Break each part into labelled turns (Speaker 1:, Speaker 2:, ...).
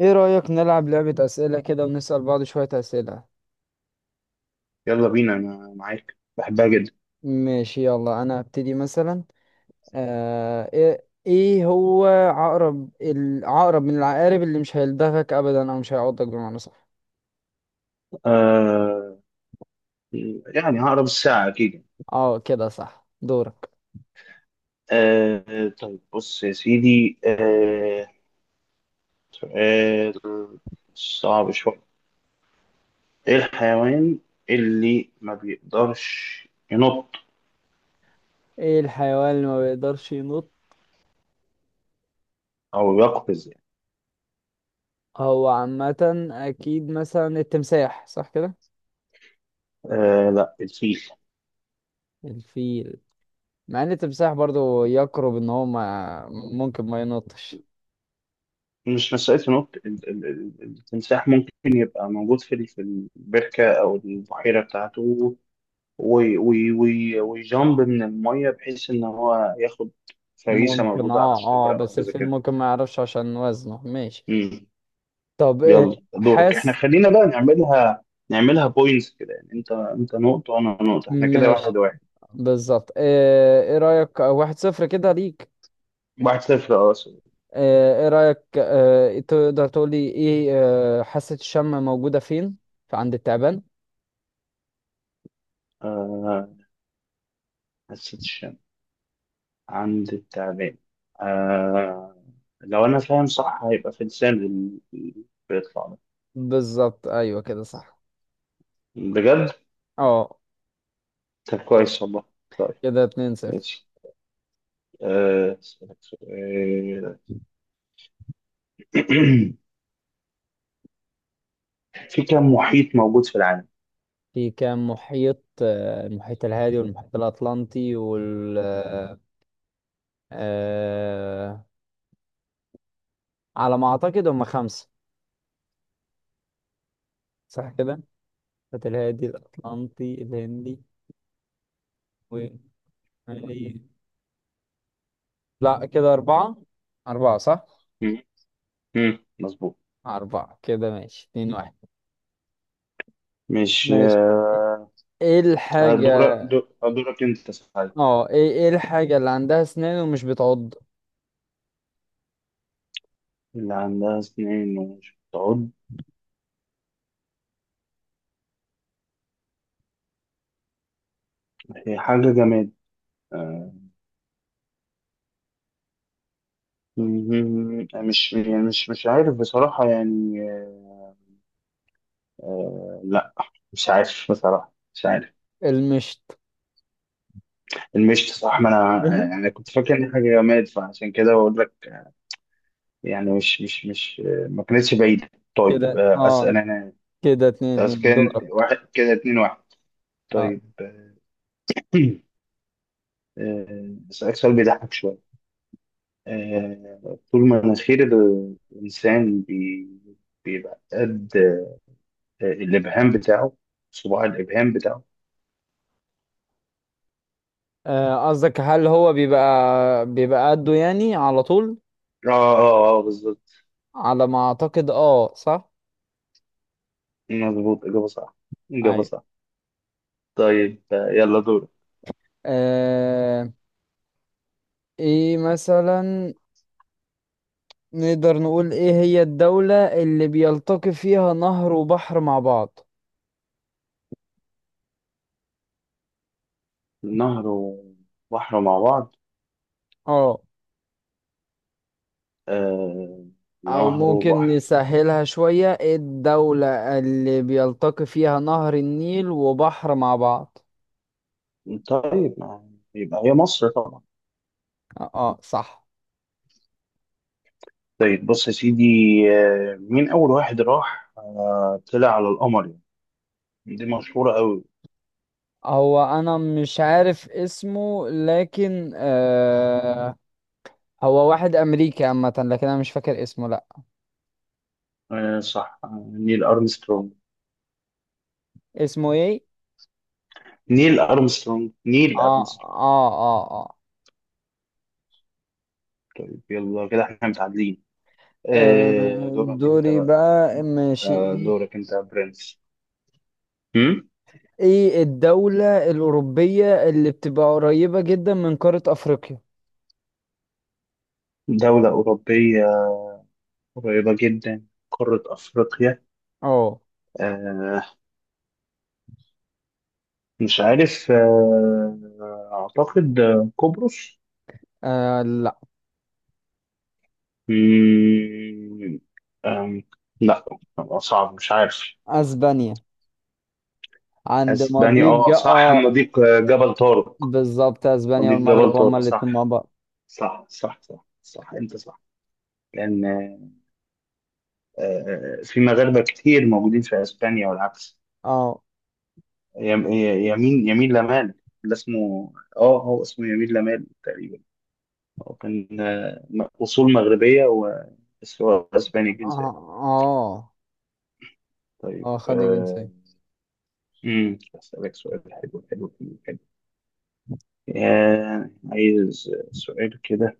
Speaker 1: ايه رأيك نلعب لعبة أسئلة كده ونسأل بعض شوية أسئلة؟
Speaker 2: يلا بينا، انا معاك، بحبها جدا.
Speaker 1: ماشي، يلا انا هبتدي مثلا. ايه هو عقرب، العقرب من العقارب اللي مش هيلدغك ابدا، او مش هيعضك، بمعنى صح؟
Speaker 2: آه هقرب الساعة اكيد.
Speaker 1: اه، كده صح، دورك.
Speaker 2: طيب بص يا سيدي. سؤال صعب شوية. ايه الحيوان اللي ما بيقدرش ينط
Speaker 1: ايه الحيوان اللي ما بيقدرش ينط؟
Speaker 2: او يقفز يعني؟
Speaker 1: هو عامة اكيد مثلا التمساح، صح كده؟
Speaker 2: لا، الفيل.
Speaker 1: الفيل. مع ان التمساح برضو يقرب ان هو ما ممكن ما ينطش.
Speaker 2: مش مسألة ينط. التمساح ممكن يبقى موجود في البركة او البحيرة بتاعته، ويجامب من المية بحيث إن هو ياخد فريسة
Speaker 1: ممكن،
Speaker 2: موجودة على
Speaker 1: اه اه،
Speaker 2: الشجرة أو
Speaker 1: بس
Speaker 2: حاجة زي
Speaker 1: الفيل
Speaker 2: كده.
Speaker 1: ممكن ما يعرفش عشان وزنه. ماشي.
Speaker 2: مم.
Speaker 1: طب، إيه
Speaker 2: يلا دورك، إحنا
Speaker 1: حاسس؟
Speaker 2: خلينا بقى نعملها، نعملها بوينتس كده. يعني أنت نقطة وأنا نقطة، إحنا كده واحد
Speaker 1: ماشي.
Speaker 2: واحد.
Speaker 1: بالظبط. ايه رأيك 1-0 كده ليك؟
Speaker 2: واحد صفر، أه، سوري.
Speaker 1: ايه رأيك، إيه تقدر تقول لي ايه؟ حاسة الشم موجودة فين؟ في عند التعبان.
Speaker 2: آه، حسيت الشم عند التعبان. آه، لو أنا فاهم صح هيبقى في لسان بيطلع ده.
Speaker 1: بالظبط، ايوه كده صح.
Speaker 2: بجد؟
Speaker 1: اه،
Speaker 2: طب كويس والله. طيب
Speaker 1: كده 2-0.
Speaker 2: ماشي. أسألك سؤال. في كم محيط موجود في العالم؟
Speaker 1: في كام محيط؟ المحيط الهادي والمحيط الأطلنطي، وال آه، آه، على ما أعتقد هم خمسة، صح كده؟ المحيط الهادي، الأطلنطي، الهندي، و لا، كده أربعة. أربعة صح؟
Speaker 2: مم. مم. مظبوط.
Speaker 1: أربعة، كده ماشي 2-1.
Speaker 2: مش
Speaker 1: ماشي. ايه الحاجة؟
Speaker 2: هدورك انت صحيح.
Speaker 1: اه، ايه الحاجة اللي عندها اسنان ومش بتعض؟
Speaker 2: اللي عندها سنين ومش بتعض، هي حاجة جماد؟ آه، مش يعني مش عارف بصراحة يعني. لا، مش عارف بصراحة، مش عارف.
Speaker 1: المشط.
Speaker 2: المشط، صح، ما انا
Speaker 1: أها.
Speaker 2: يعني كنت فاكر ان حاجة جماد فعشان كده بقول لك. يعني مش مش مش آه، ما كانتش بعيدة. طيب
Speaker 1: كده اه،
Speaker 2: اسأل انا.
Speaker 1: كده اتنين
Speaker 2: بس
Speaker 1: اتنين
Speaker 2: كان
Speaker 1: دورك.
Speaker 2: واحد، كده اتنين واحد.
Speaker 1: اه.
Speaker 2: طيب. أسألك سؤال بيضحك شوية. طول ما مناخير الإنسان بيبقى قد الإبهام بتاعه، صباع الإبهام بتاعه.
Speaker 1: قصدك هل هو بيبقى قده يعني على طول؟
Speaker 2: آه آه بالظبط.
Speaker 1: على ما اعتقد اه صح.
Speaker 2: مظبوط، إجابة صح، إجابة
Speaker 1: ايوه.
Speaker 2: صح. طيب يلا دورك.
Speaker 1: آه ايه مثلا؟ نقدر نقول ايه هي الدولة اللي بيلتقي فيها نهر وبحر مع بعض؟
Speaker 2: نهر وبحر مع بعض؟
Speaker 1: اه،
Speaker 2: آه،
Speaker 1: او
Speaker 2: نهر
Speaker 1: ممكن
Speaker 2: وبحر.
Speaker 1: نسهلها شوية، ايه الدولة اللي بيلتقي فيها نهر النيل وبحر مع بعض؟
Speaker 2: طيب يبقى هي مصر طبعا.
Speaker 1: اه، صح.
Speaker 2: طيب بص يا سيدي، مين أول واحد راح آه، طلع على القمر يعني؟ دي مشهورة أوي.
Speaker 1: هو انا مش عارف اسمه، لكن. هو واحد امريكي عامة، لكن انا مش فاكر اسمه، لا.
Speaker 2: نيل أرمسترونج،
Speaker 1: اسمه ايه؟
Speaker 2: نيل أرمسترونج، نيل
Speaker 1: اه،
Speaker 2: أرمسترونج.
Speaker 1: اه، اه، اه.
Speaker 2: طيب يلا، كده احنا متعادلين.
Speaker 1: آه،
Speaker 2: دورك انت
Speaker 1: دوري
Speaker 2: بقى.
Speaker 1: بقى، ماشي ايه؟
Speaker 2: دورك انت يا برنس. هم؟
Speaker 1: إيه الدولة الأوروبية اللي بتبقى قريبة جدا من قارة أفريقيا؟
Speaker 2: دولة أوروبية، قريبة جدا، قارة أفريقيا.
Speaker 1: اه.
Speaker 2: آه مش عارف. أعتقد قبرص.
Speaker 1: لا،
Speaker 2: مم، آم، لا، صعب، مش عارف.
Speaker 1: اسبانيا عند
Speaker 2: أسبانيا،
Speaker 1: مضيق
Speaker 2: اه صح،
Speaker 1: اه
Speaker 2: مضيق جبل طارق.
Speaker 1: بالظبط، اسبانيا
Speaker 2: مضيق جبل
Speaker 1: والمغرب هما
Speaker 2: طارق،
Speaker 1: الاتنين مع
Speaker 2: صح.
Speaker 1: بعض.
Speaker 2: صح صح صح صح، انت صح. لان في مغاربه كتير موجودين في اسبانيا والعكس.
Speaker 1: اه،
Speaker 2: يمين لمال، اللي اسمه هو اسمه يمين لمال تقريبا. هو كان اصول مغربيه بس هو اسباني
Speaker 1: اه،
Speaker 2: الجنسيه.
Speaker 1: اه،
Speaker 2: طيب
Speaker 1: اه، خد الجنسية.
Speaker 2: امم، اسالك سؤال حلو. عايز سؤال كده.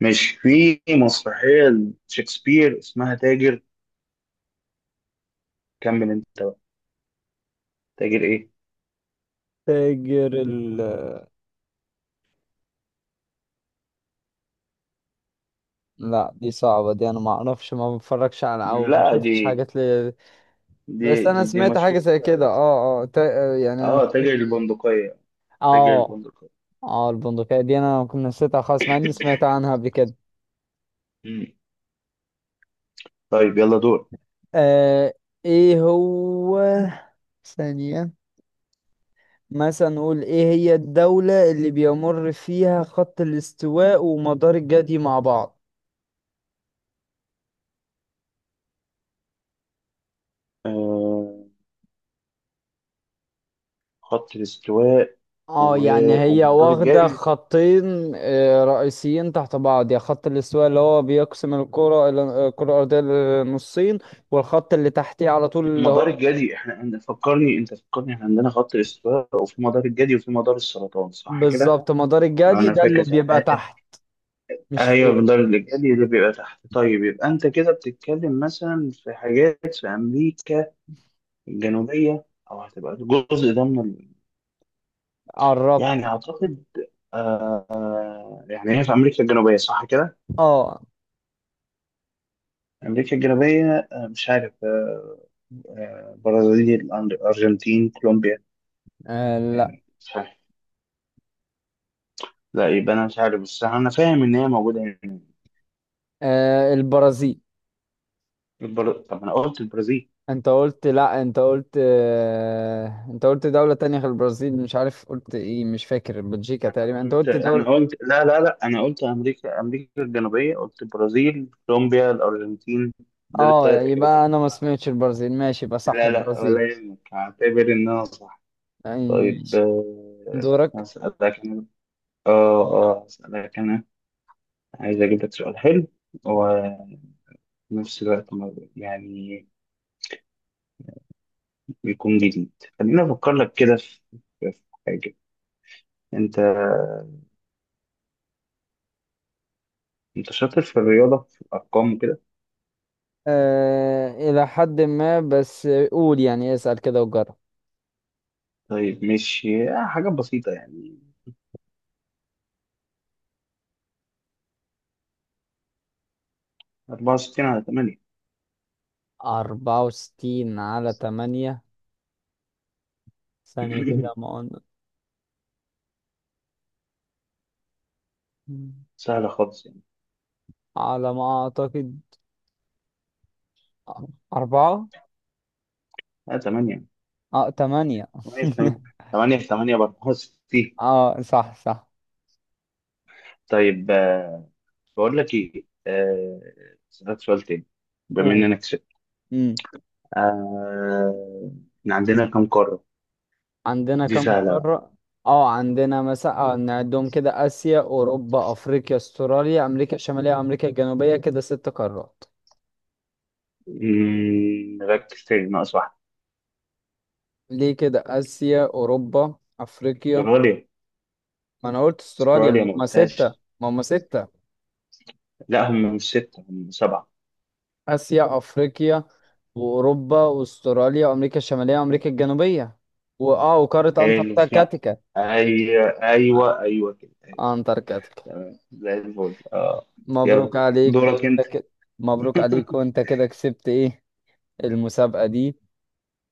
Speaker 2: مش في مسرحيه شكسبير اسمها تاجر، كمل انت بقى، تاجر ايه؟
Speaker 1: تاجر ال لا، دي صعبة، دي انا ما اعرفش، ما بتفرجش على او ما
Speaker 2: لا
Speaker 1: شفتش
Speaker 2: دي
Speaker 1: حاجات لي.
Speaker 2: دي
Speaker 1: بس
Speaker 2: دي
Speaker 1: انا
Speaker 2: دي
Speaker 1: سمعت حاجة
Speaker 2: مشهورة
Speaker 1: زي كده،
Speaker 2: أوي.
Speaker 1: اه اه، يعني انا
Speaker 2: اه،
Speaker 1: مش
Speaker 2: تاجر
Speaker 1: فاكر.
Speaker 2: البندقية، تاجر
Speaker 1: اه
Speaker 2: البندقية.
Speaker 1: اه، البندقية دي انا كنت نسيتها خالص، مع اني سمعت عنها قبل كده.
Speaker 2: مم. طيب يلا دور.
Speaker 1: آه ايه هو، ثانية. مثلا نقول ايه هي الدولة اللي بيمر فيها خط الاستواء ومدار الجدي مع بعض؟
Speaker 2: آه خط الاستواء
Speaker 1: اه، يعني هي
Speaker 2: ومدار
Speaker 1: واخدة
Speaker 2: الجدي.
Speaker 1: خطين رئيسيين تحت بعض، يا خط الاستواء اللي هو بيقسم الكرة الأرضية لنصين، والخط اللي تحتيه على طول اللي
Speaker 2: مدار
Speaker 1: هو
Speaker 2: الجدي، احنا فكرني انت، فكرني، احنا عندنا خط الاستواء وفي مدار الجدي وفي مدار السرطان، صح كده؟
Speaker 1: بالظبط مدار الجدي،
Speaker 2: انا
Speaker 1: ده اللي
Speaker 2: فاكر صح.
Speaker 1: بيبقى تحت مش
Speaker 2: ايوه
Speaker 1: فوق.
Speaker 2: مدار الجدي اللي بيبقى تحت. طيب يبقى انت كده بتتكلم مثلا في حاجات في امريكا الجنوبية، او هتبقى الجزء ده من.
Speaker 1: قربت.
Speaker 2: يعني اعتقد. يعني هي في امريكا الجنوبيه صح كده.
Speaker 1: اه،
Speaker 2: امريكا الجنوبيه، مش عارف. برازيل، ارجنتين، كولومبيا.
Speaker 1: لا.
Speaker 2: مش عارف. لا يبقى انا مش عارف، بس انا فاهم ان هي موجوده هنا.
Speaker 1: البرازيل.
Speaker 2: طب انا قلت البرازيل.
Speaker 1: انت قلت لا، انت قلت انت قلت دولة تانية غير البرازيل، مش عارف قلت ايه، مش فاكر، بلجيكا تقريبا، انت
Speaker 2: قلت،
Speaker 1: قلت
Speaker 2: انا
Speaker 1: دولة.
Speaker 2: قلت، لا لا لا، انا قلت امريكا، امريكا الجنوبيه، قلت البرازيل، كولومبيا، الارجنتين. دول
Speaker 1: اه،
Speaker 2: الثلاث اجابات
Speaker 1: يبقى
Speaker 2: اللي أنا
Speaker 1: انا ما
Speaker 2: بعرفها.
Speaker 1: سمعتش البرازيل، ماشي، يبقى صح
Speaker 2: لا لا،
Speaker 1: البرازيل.
Speaker 2: ولا يهمك، هعتبر ان انا صح.
Speaker 1: يعني
Speaker 2: طيب
Speaker 1: ماشي. دورك.
Speaker 2: هسألك أنا. اه اسألك انا، عايز اجيب لك سؤال حلو، وفي نفس الوقت يعني بيكون جديد. خليني افكر لك كده في في حاجة. انت انت شاطر في الرياضة، في الارقام وكده.
Speaker 1: الى حد ما، بس قول يعني، اسأل كده وجرب.
Speaker 2: طيب ماشي، حاجة بسيطة يعني. 64 على 8؟
Speaker 1: 64 على تمانية. ثانية كده، ما قلنا؟
Speaker 2: سهلة خالص يعني.
Speaker 1: على ما اعتقد اربعة.
Speaker 2: لا، 8.
Speaker 1: اه تمانية.
Speaker 2: 8 في 8. 8 في 8 ب 64.
Speaker 1: اه، صح صح.
Speaker 2: طيب بقول لك ايه، اسألك سؤال تاني، بما
Speaker 1: قول.
Speaker 2: اننا كسبت. آه، إحنا عندنا كم قارة؟
Speaker 1: عندنا
Speaker 2: دي
Speaker 1: كم
Speaker 2: سهلة.
Speaker 1: قارة؟ اه عندنا مثلا، نعدهم كده: آسيا، أوروبا، أفريقيا، أستراليا، أمريكا الشمالية، أمريكا الجنوبية، كده ست قارات.
Speaker 2: ركز تاني، ناقص واحدة.
Speaker 1: ليه، كده آسيا أوروبا أفريقيا.
Speaker 2: استراليا.
Speaker 1: ما أنا قلت أستراليا،
Speaker 2: استراليا
Speaker 1: ما
Speaker 2: ما
Speaker 1: هما ستة.
Speaker 2: قلتهاش.
Speaker 1: ما هما ستة.
Speaker 2: لا، هم مش ستة، هم سبعة.
Speaker 1: آسيا، أفريقيا، وأوروبا، وأستراليا، وأمريكا الشمالية، وأمريكا الجنوبية، وقارة
Speaker 2: حلو. لا،
Speaker 1: أنتاركتيكا.
Speaker 2: أيوة أيوة أيوة كده، أيوة.
Speaker 1: أنتاركتيكا.
Speaker 2: تمام زي الفل، اه. يلا،
Speaker 1: مبروك عليك
Speaker 2: دورك
Speaker 1: وأنت
Speaker 2: أنت.
Speaker 1: كده. مبروك عليك، وأنت كده كسبت إيه، المسابقة دي،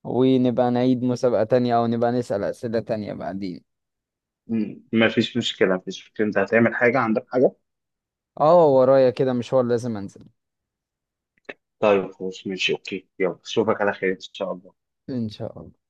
Speaker 1: ونبقى نعيد مسابقة تانية أو نبقى نسأل أسئلة تانية بعدين.
Speaker 2: مفيش مشكلة، مفيش مشكلة. أنت هتعمل حاجة، عندك حاجة؟
Speaker 1: اه، ورايا كده مشوار لازم أنزل.
Speaker 2: طيب خلاص، ماشي، أوكي، يلا أشوفك على خير إن شاء الله.
Speaker 1: إن شاء الله.